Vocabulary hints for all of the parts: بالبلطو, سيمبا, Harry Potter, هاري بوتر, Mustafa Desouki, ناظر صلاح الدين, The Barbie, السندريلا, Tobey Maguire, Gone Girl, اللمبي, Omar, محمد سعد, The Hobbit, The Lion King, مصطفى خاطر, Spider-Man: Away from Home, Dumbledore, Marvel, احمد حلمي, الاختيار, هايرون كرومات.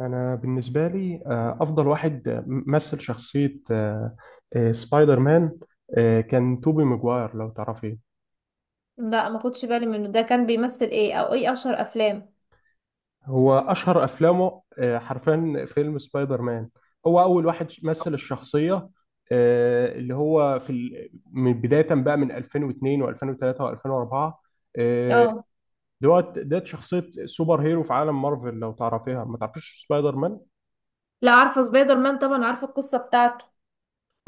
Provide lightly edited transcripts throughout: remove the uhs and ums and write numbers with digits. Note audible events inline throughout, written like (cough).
أنا بالنسبة لي أفضل واحد مثل شخصية سبايدر مان. كان توبي ماجواير لو تعرفيه. لا ما خدش بالي منه. ده كان بيمثل ايه؟ او ايه اشهر افلام؟ هو أشهر أفلامه حرفيا فيلم سبايدر مان. هو أول واحد مثل الشخصية. اللي هو في من بداية بقى من 2002 و2003 و2004 اه، دوت. ده شخصية سوبر هيرو في عالم مارفل، لو تعرفيها ما تعرفيش سبايدر مان. لا عارفه سبايدر مان طبعا، عارفه القصه بتاعته.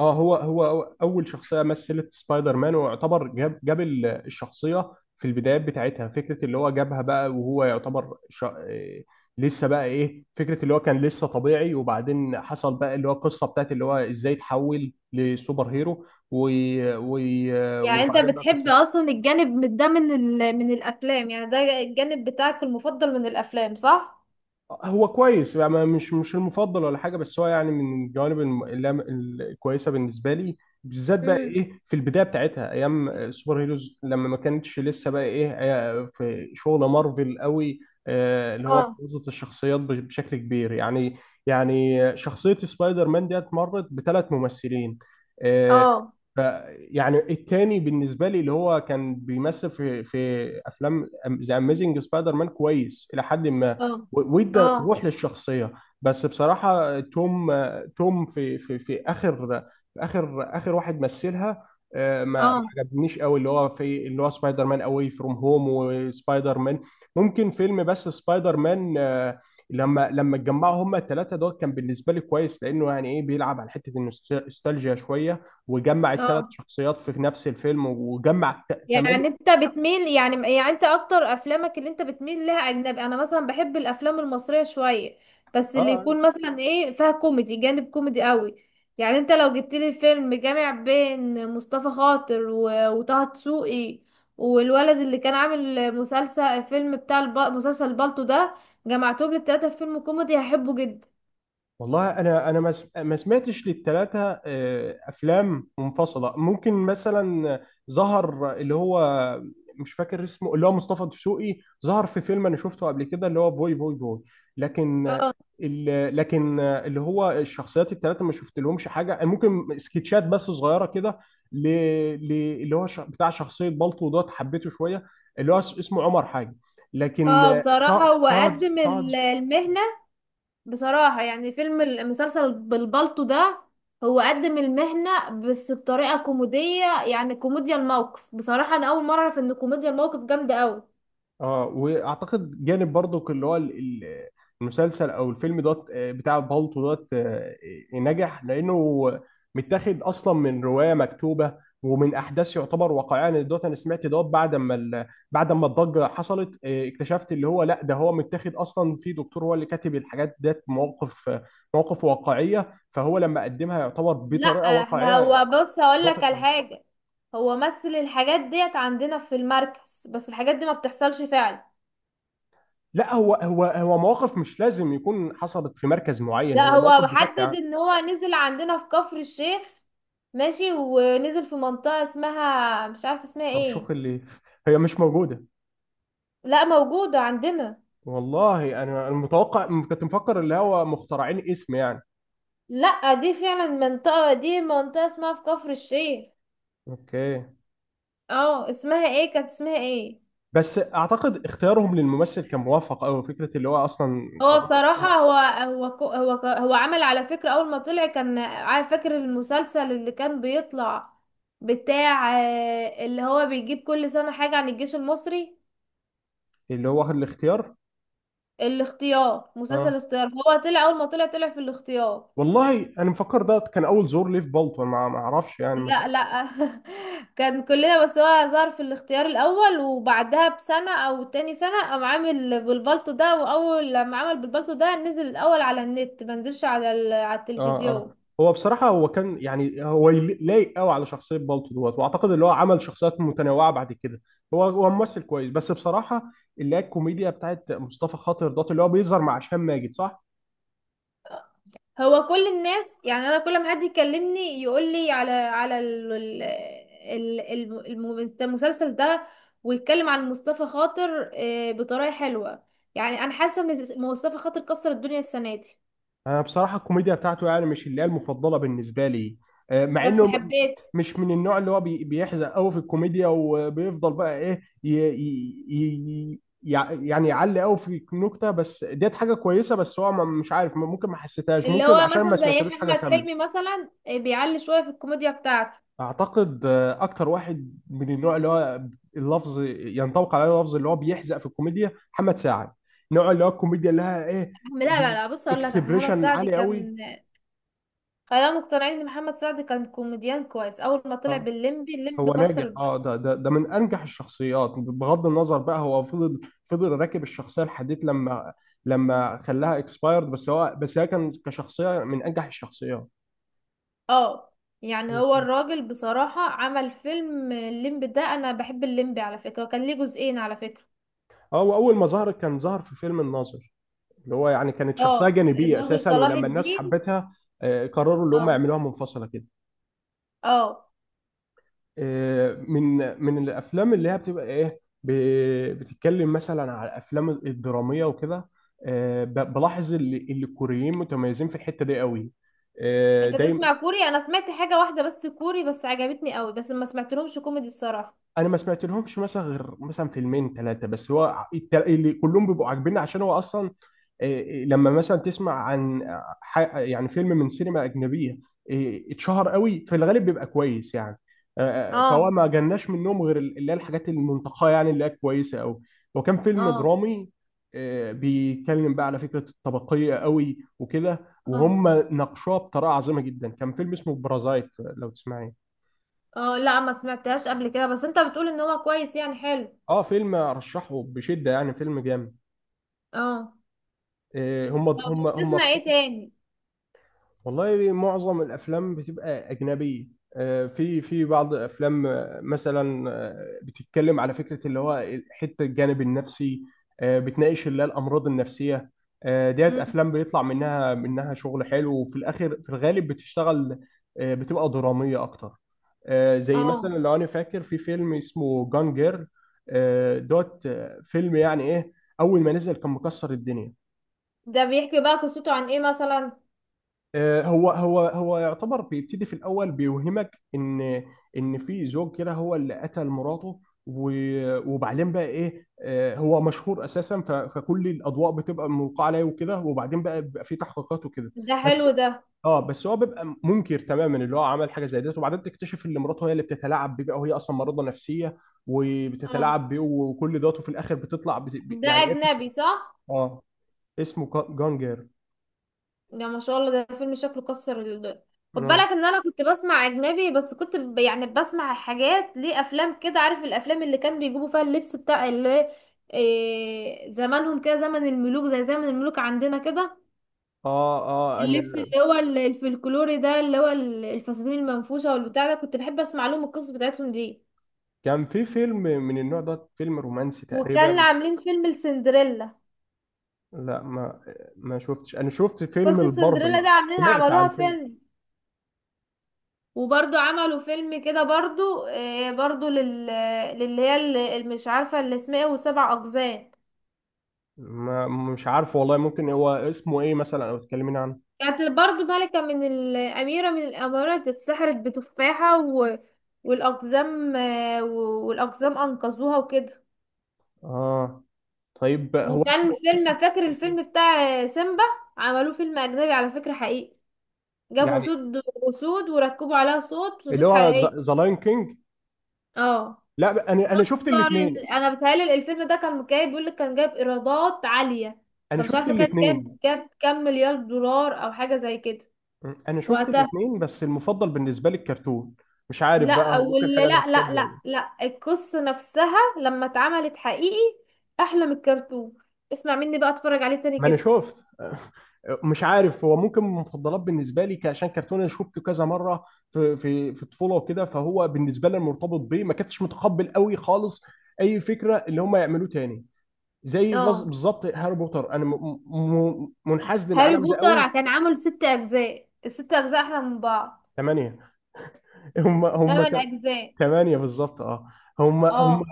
اه، هو اول شخصيه مثلت سبايدر مان، ويعتبر جاب الشخصيه في البدايات بتاعتها. فكره اللي هو جابها بقى، وهو يعتبر إيه، لسه بقى ايه، فكره اللي هو كان لسه طبيعي، وبعدين حصل بقى اللي هو القصه بتاعت اللي هو ازاي تحول لسوبر هيرو، و... يعني انت وبعدين بقى بتحب قصه. اصلا الجانب ده من الافلام؟ يعني ده الجانب بتاعك المفضل من الافلام صح؟ هو كويس يعني، مش المفضل ولا حاجه، بس هو يعني من الجوانب اللي الكويسه بالنسبه لي، بالذات بقى امم، ايه في البدايه بتاعتها ايام السوبر هيروز، لما ما كانتش لسه بقى ايه في شغل مارفل قوي. اللي هو اه، بوظت الشخصيات بشكل كبير يعني. يعني شخصيه سبايدر مان ديت مرت بثلاث ممثلين آه، اه، ف- يعني التاني بالنسبه لي اللي هو كان بيمثل في افلام ذا اميزنج سبايدر مان كويس الى حد ما. اه، وادى اه، روح للشخصيه. بس بصراحه توم في اخر، في اخر واحد مثلها ما اه، عجبنيش قوي اللي هو في اللي هو سبايدر مان اواي فروم هوم وسبايدر مان. ممكن فيلم بس سبايدر مان لما اتجمعوا هما الثلاثه دول كان بالنسبه لي كويس، لانه يعني ايه بيلعب على حته النوستالجيا شويه، وجمع الثلاث اه. شخصيات في نفس الفيلم، وجمع كمان. يعني انت بتميل، يعني انت اكتر افلامك اللي انت بتميل لها اجنبي؟ انا مثلا بحب الافلام المصرية شوية، بس اللي اه، يكون مثلا ايه فيها كوميدي، جانب كوميدي قوي. يعني انت لو جبت لي فيلم جامع بين مصطفى خاطر وطه دسوقي، والولد اللي كان عامل مسلسل فيلم مسلسل بالطو ده، جمعتهم للتلاتة في فيلم كوميدي هحبه جدا. والله انا ما سمعتش للثلاثه افلام منفصله. ممكن مثلا ظهر اللي هو، مش فاكر اسمه، اللي هو مصطفى دسوقي ظهر في فيلم انا شفته قبل كده اللي هو بوي بوي بوي. لكن اه، لكن اللي هو الشخصيات الثلاثه ما شفت لهمش حاجه، ممكن سكتشات بس صغيره كده. ل- اللي هو بتاع شخصيه بالطو دوت حبيته شويه. اللي هو اسمه عمر حاجه. لكن اه بصراحة طه هو طه قدم طه المهنة. بصراحة يعني فيلم المسلسل بالبلطو ده، هو قدم المهنة بس بطريقة كوميدية، يعني كوميديا الموقف. بصراحة أنا أول مرة أعرف إن كوميديا الموقف جامدة أوي. اه، واعتقد جانب برضو اللي هو المسلسل او الفيلم دوت بتاع بالطو دوت نجح لانه متاخد اصلا من روايه مكتوبه ومن احداث يعتبر واقعيه. انا دوت، انا سمعت دوت بعد ما بعد ما الضجه حصلت اكتشفت اللي هو لا، ده هو متاخد اصلا في دكتور هو اللي كاتب الحاجات ديت، مواقف مواقف واقعيه، فهو لما قدمها يعتبر لا، بطريقه احنا هو واقعيه. بص هقولك ضافت على لنا. حاجة. هو مثل الحاجات ديت عندنا في المركز، بس الحاجات دي ما بتحصلش فعلا. لا، هو مواقف مش لازم يكون حصلت في مركز معين، لا، هو هو مواقف بشكل محدد عام. ان هو نزل عندنا في كفر الشيخ، ماشي، ونزل في منطقة اسمها مش عارفة اسمها ترشوخ ايه. اللي هي مش موجودة. لا، موجودة عندنا. والله أنا متوقع، كنت مفكر اللي هو مخترعين اسم يعني. لا، دي فعلا منطقة، دي منطقة اسمها في كفر الشيخ. أوكي. اه اسمها ايه؟ كانت اسمها ايه؟ بس أعتقد اختيارهم للممثل كان موفق أوي، فكرة اللي هو أصلا هو بصراحة، هو كو- هو ك- هو عمل على فكرة. أول ما طلع كان عارف، فاكر المسلسل اللي كان بيطلع بتاع اللي هو بيجيب كل سنة حاجة عن الجيش المصري؟ اللي هو واخد الاختيار. الاختيار، مسلسل أه. الاختيار. فهو طلع، أول ما طلع طلع في الاختيار. والله أنا مفكر ده كان أول زور ليه في بالتون، ما أعرفش يعني. لا. (laughs) كان كلنا، بس هو ظهر في الاختيار الاول، وبعدها بسنه او تاني سنه قام عامل بالبلطو ده. واول لما عمل بالبلطو ده نزل الاول على النت، ما نزلش على اه اه. التلفزيون. هو بصراحة، هو كان يعني هو لايق قوي على شخصية بالتو دوت، واعتقد اللي هو عمل شخصيات متنوعة بعد كده. هو ممثل كويس، بس بصراحة اللي هي الكوميديا بتاعت مصطفى خاطر دوت اللي هو بيظهر مع هشام ماجد، صح؟ هو كل الناس، يعني انا كل ما حد يكلمني يقول لي على على ال- ال- ال- الم- الم- المسلسل ده، ويتكلم عن مصطفى خاطر بطريقه حلوه. يعني انا حاسه ان مصطفى خاطر كسر الدنيا السنه دي. انا بصراحة الكوميديا بتاعته يعني مش اللي هي المفضلة بالنسبة لي مع بس انه حبيت مش من النوع اللي هو بيحزق قوي في الكوميديا، وبيفضل بقى ايه يعني يعلي قوي في النكتة، بس ديت حاجة كويسة، بس هو مش عارف، ممكن ما حسيتهاش، اللي ممكن هو عشان ما مثلا زي سمعتلوش حاجة احمد كاملة. حلمي مثلا، بيعلي شويه في الكوميديا بتاعته. اعتقد اكتر واحد من النوع اللي هو اللفظ ينطبق عليه، اللفظ اللي هو بيحزق في الكوميديا محمد سعد. نوع اللي هو الكوميديا اللي لها ايه، لا لا بي- لا، بص اقول لك، محمد اكسبريشن سعد عالي قوي. كان، خلينا مقتنعين ان محمد سعد كان كوميديان كويس. اول ما طلع اه. باللمبي، هو اللمبي كسر ناجح، اه، الدنيا. ده من انجح الشخصيات، بغض النظر بقى، هو فضل فضل راكب الشخصيه لحديت لما لما خلاها اكسبايرد، بس هو، بس هي، كان كشخصيه من انجح الشخصيات. اه، يعني هو مظبوط. الراجل بصراحه عمل فيلم اللمبي ده. انا بحب اللمبي على فكره، وكان ليه جزئين على فكره. اه، واول ما ظهر كان ظهر في فيلم الناظر، اللي هو يعني كانت شخصية اه، جانبية ناظر أساسا، صلاح ولما الناس الدين. حبتها قرروا اللي هم اه، يعملوها منفصلة كده. اه. من من الأفلام اللي هي بتبقى إيه، بتتكلم مثلا على الأفلام الدرامية وكده بلاحظ اللي الكوريين متميزين في الحتة دي قوي انت دايما. بتسمع كوري؟ انا سمعت حاجه واحده بس كوري، بس عجبتني قوي، بس ما سمعتلهمش كوميدي الصراحه. أنا ما سمعت لهمش مثلا غير مثلا فيلمين ثلاثة بس، هو اللي كلهم بيبقوا عاجبيني عشان هو أصلا إيه، لما مثلا تسمع عن يعني فيلم من سينما أجنبية إيه، اتشهر قوي، في الغالب بيبقى كويس يعني. فهو اه، ما جالناش منهم غير اللي هي الحاجات المنتقاه، يعني اللي هي كويسة قوي. وكان فيلم اه، درامي بيتكلم بقى على فكرة الطبقية قوي وكده، اه، وهم ناقشوها بطريقة عظيمة جدا. كان فيلم اسمه بارازايت لو تسمعين. اه، لا ما سمعتهاش قبل كده، بس انت بتقول ان هو كويس يعني، حلو. اه، فيلم ارشحه بشدة يعني، فيلم جامد. اه. طب هم بتسمع في ايه حتة. تاني؟ والله معظم الافلام بتبقى اجنبيه. في في بعض افلام مثلا بتتكلم على فكره اللي هو حته الجانب النفسي بتناقش اللي هي الامراض النفسيه. ديت امم، افلام بيطلع منها شغل حلو، وفي الاخر في الغالب بتشتغل بتبقى دراميه اكتر. زي اه. مثلا، لو انا فاكر، في فيلم اسمه جان جير دوت. فيلم يعني ايه، اول ما نزل كان مكسر الدنيا. ده بيحكي بقى قصته عن ايه مثلا؟ هو يعتبر بيبتدي في الاول بيوهمك ان في زوج كده هو اللي قتل مراته، وبعدين بقى ايه هو مشهور اساسا، فكل الاضواء بتبقى ملقاه عليه وكده، وبعدين بقى بيبقى في تحقيقات وكده ده بس. حلو ده. اه، بس هو بيبقى منكر تماما اللي هو عمل حاجه زي ديت، وبعدين تكتشف ان مراته هي اللي بتتلاعب بيه بقى، وهي اصلا مريضه نفسيه اه، وبتتلاعب بيه وكل دوت، وفي الاخر بتطلع ده يعني ايه بتكشف. اجنبي صح؟ اه، اسمه جانجر. ده ما شاء الله ده فيلم شكله كسر خد مم. بالك ان انا كنت بسمع اجنبي، بس يعني بسمع حاجات ليه، افلام كده، عارف الافلام اللي كان بيجيبوا فيها اللبس بتاع اللي إيه، زمانهم كده، زمن الملوك، زي زمن الملوك عندنا كده. اه اه، اللبس اللي هو الفلكلوري ده، اللي هو الفساتين المنفوشة والبتاع ده، كنت بحب اسمع لهم القصص بتاعتهم دي. كان في فيلم من النوع ده، فيلم رومانسي وكان تقريبا. عاملين فيلم السندريلا، لا ما شفتش، انا شفت فيلم قصة السندريلا الباربي. دي عاملينها، سمعت عن عملوها فيلم. فيلم. وبرضو عملوا فيلم كده برضو، برضو لل، للي هي اللي مش عارفة اللي اسمها ايه وسبع اقزام. ما مش عارف والله، ممكن هو اسمه ايه مثلا او تكلمين عنه. كانت برضو ملكة، من الأميرة من الأمارات، اتسحرت بتفاحة و... والأقزام، والأقزام أنقذوها وكده. اه. طيب هو وكان اسمه فيلم، فاكر اسمه إيه؟ الفيلم بتاع سيمبا؟ عملوه فيلم اجنبي على فكرة حقيقي، جابوا يعني اسود، اسود وركبوا عليها صوت اللي اسود هو حقيقية. ذا لاين كينج. اه، لا، انا شفت كسر ال... الاثنين. انا بتهيألي الفيلم ده كان جايب، بيقول لك كان جايب ايرادات عالية. انا كان مش شفت عارفة كان جاب، الاثنين. كام مليار دولار او حاجة زي كده انا شفت وقتها. الاثنين بس المفضل بالنسبه لي الكرتون. مش عارف بقى، لا، هو ممكن ولا حاجه لا لا نوستالجيا ولا لا إيه. لا القصة نفسها لما اتعملت حقيقي احلى من الكرتون. اسمع مني بقى، اتفرج عليه تاني ما انا كده. شفت. مش عارف، هو ممكن من المفضلات بالنسبه لي عشان كرتون انا شفته كذا مره في الطفوله وكده، فهو بالنسبه لي مرتبط بيه. ما كنتش متقبل قوي خالص اي فكره اللي هم يعملوه تاني، زي اه، بالظبط هاري بوتر، انا منحاز هاري للعالم ده بوتر قوي. كان عامل ست اجزاء، الست اجزاء احلى من بعض. ثمانية. (laughs) هم هم تمن ت- اجزاء. ثمانية بالظبط، اه. هم اه،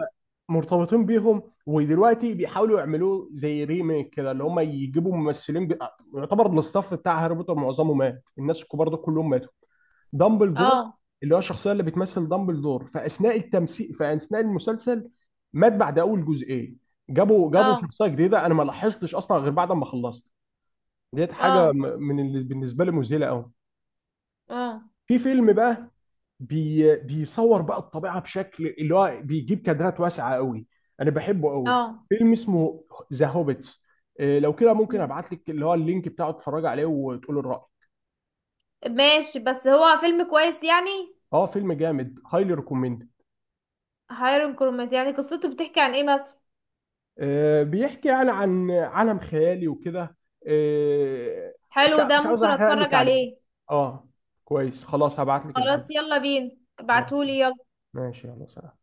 مرتبطين بيهم، ودلوقتي بيحاولوا يعملوه زي ريميك كده، اللي هم يجيبوا ممثلين يعتبر الاستاف بتاع هاري بوتر معظمه مات، الناس الكبار ده كلهم ماتوا. دامبلدور، اه، اللي هو الشخصيه اللي بتمثل دامبلدور في اثناء التمثيل في اثناء المسلسل، مات بعد اول جزئين. جابوا اه، شخصيه جديده، انا ما لاحظتش اصلا غير بعد ما خلصت. ديت حاجه اه، من اللي بالنسبه لي مذهله قوي. اه، في فيلم بقى، بيصور بقى الطبيعه بشكل اللي هو بيجيب كادرات واسعه قوي، انا بحبه قوي. اه. فيلم اسمه ذا هوبيتس. لو كده ممكن مم. ابعت لك اللي هو اللينك بتاعه، تتفرج عليه وتقول الراي. ماشي بس هو فيلم كويس يعني؟ اه، فيلم جامد، هايلي ريكومند. هايرون كرومات، يعني قصته بتحكي عن ايه مثلا؟ بيحكي يعني عن عالم خيالي وكده. آه، حلو ده، مش عاوز ممكن احرق لك اتفرج عليه. عليه. اه كويس. خلاص، هبعت لك اللينك. خلاص يلا بينا، ماشي. ابعتولي يلا. ماشي يلا، سلام.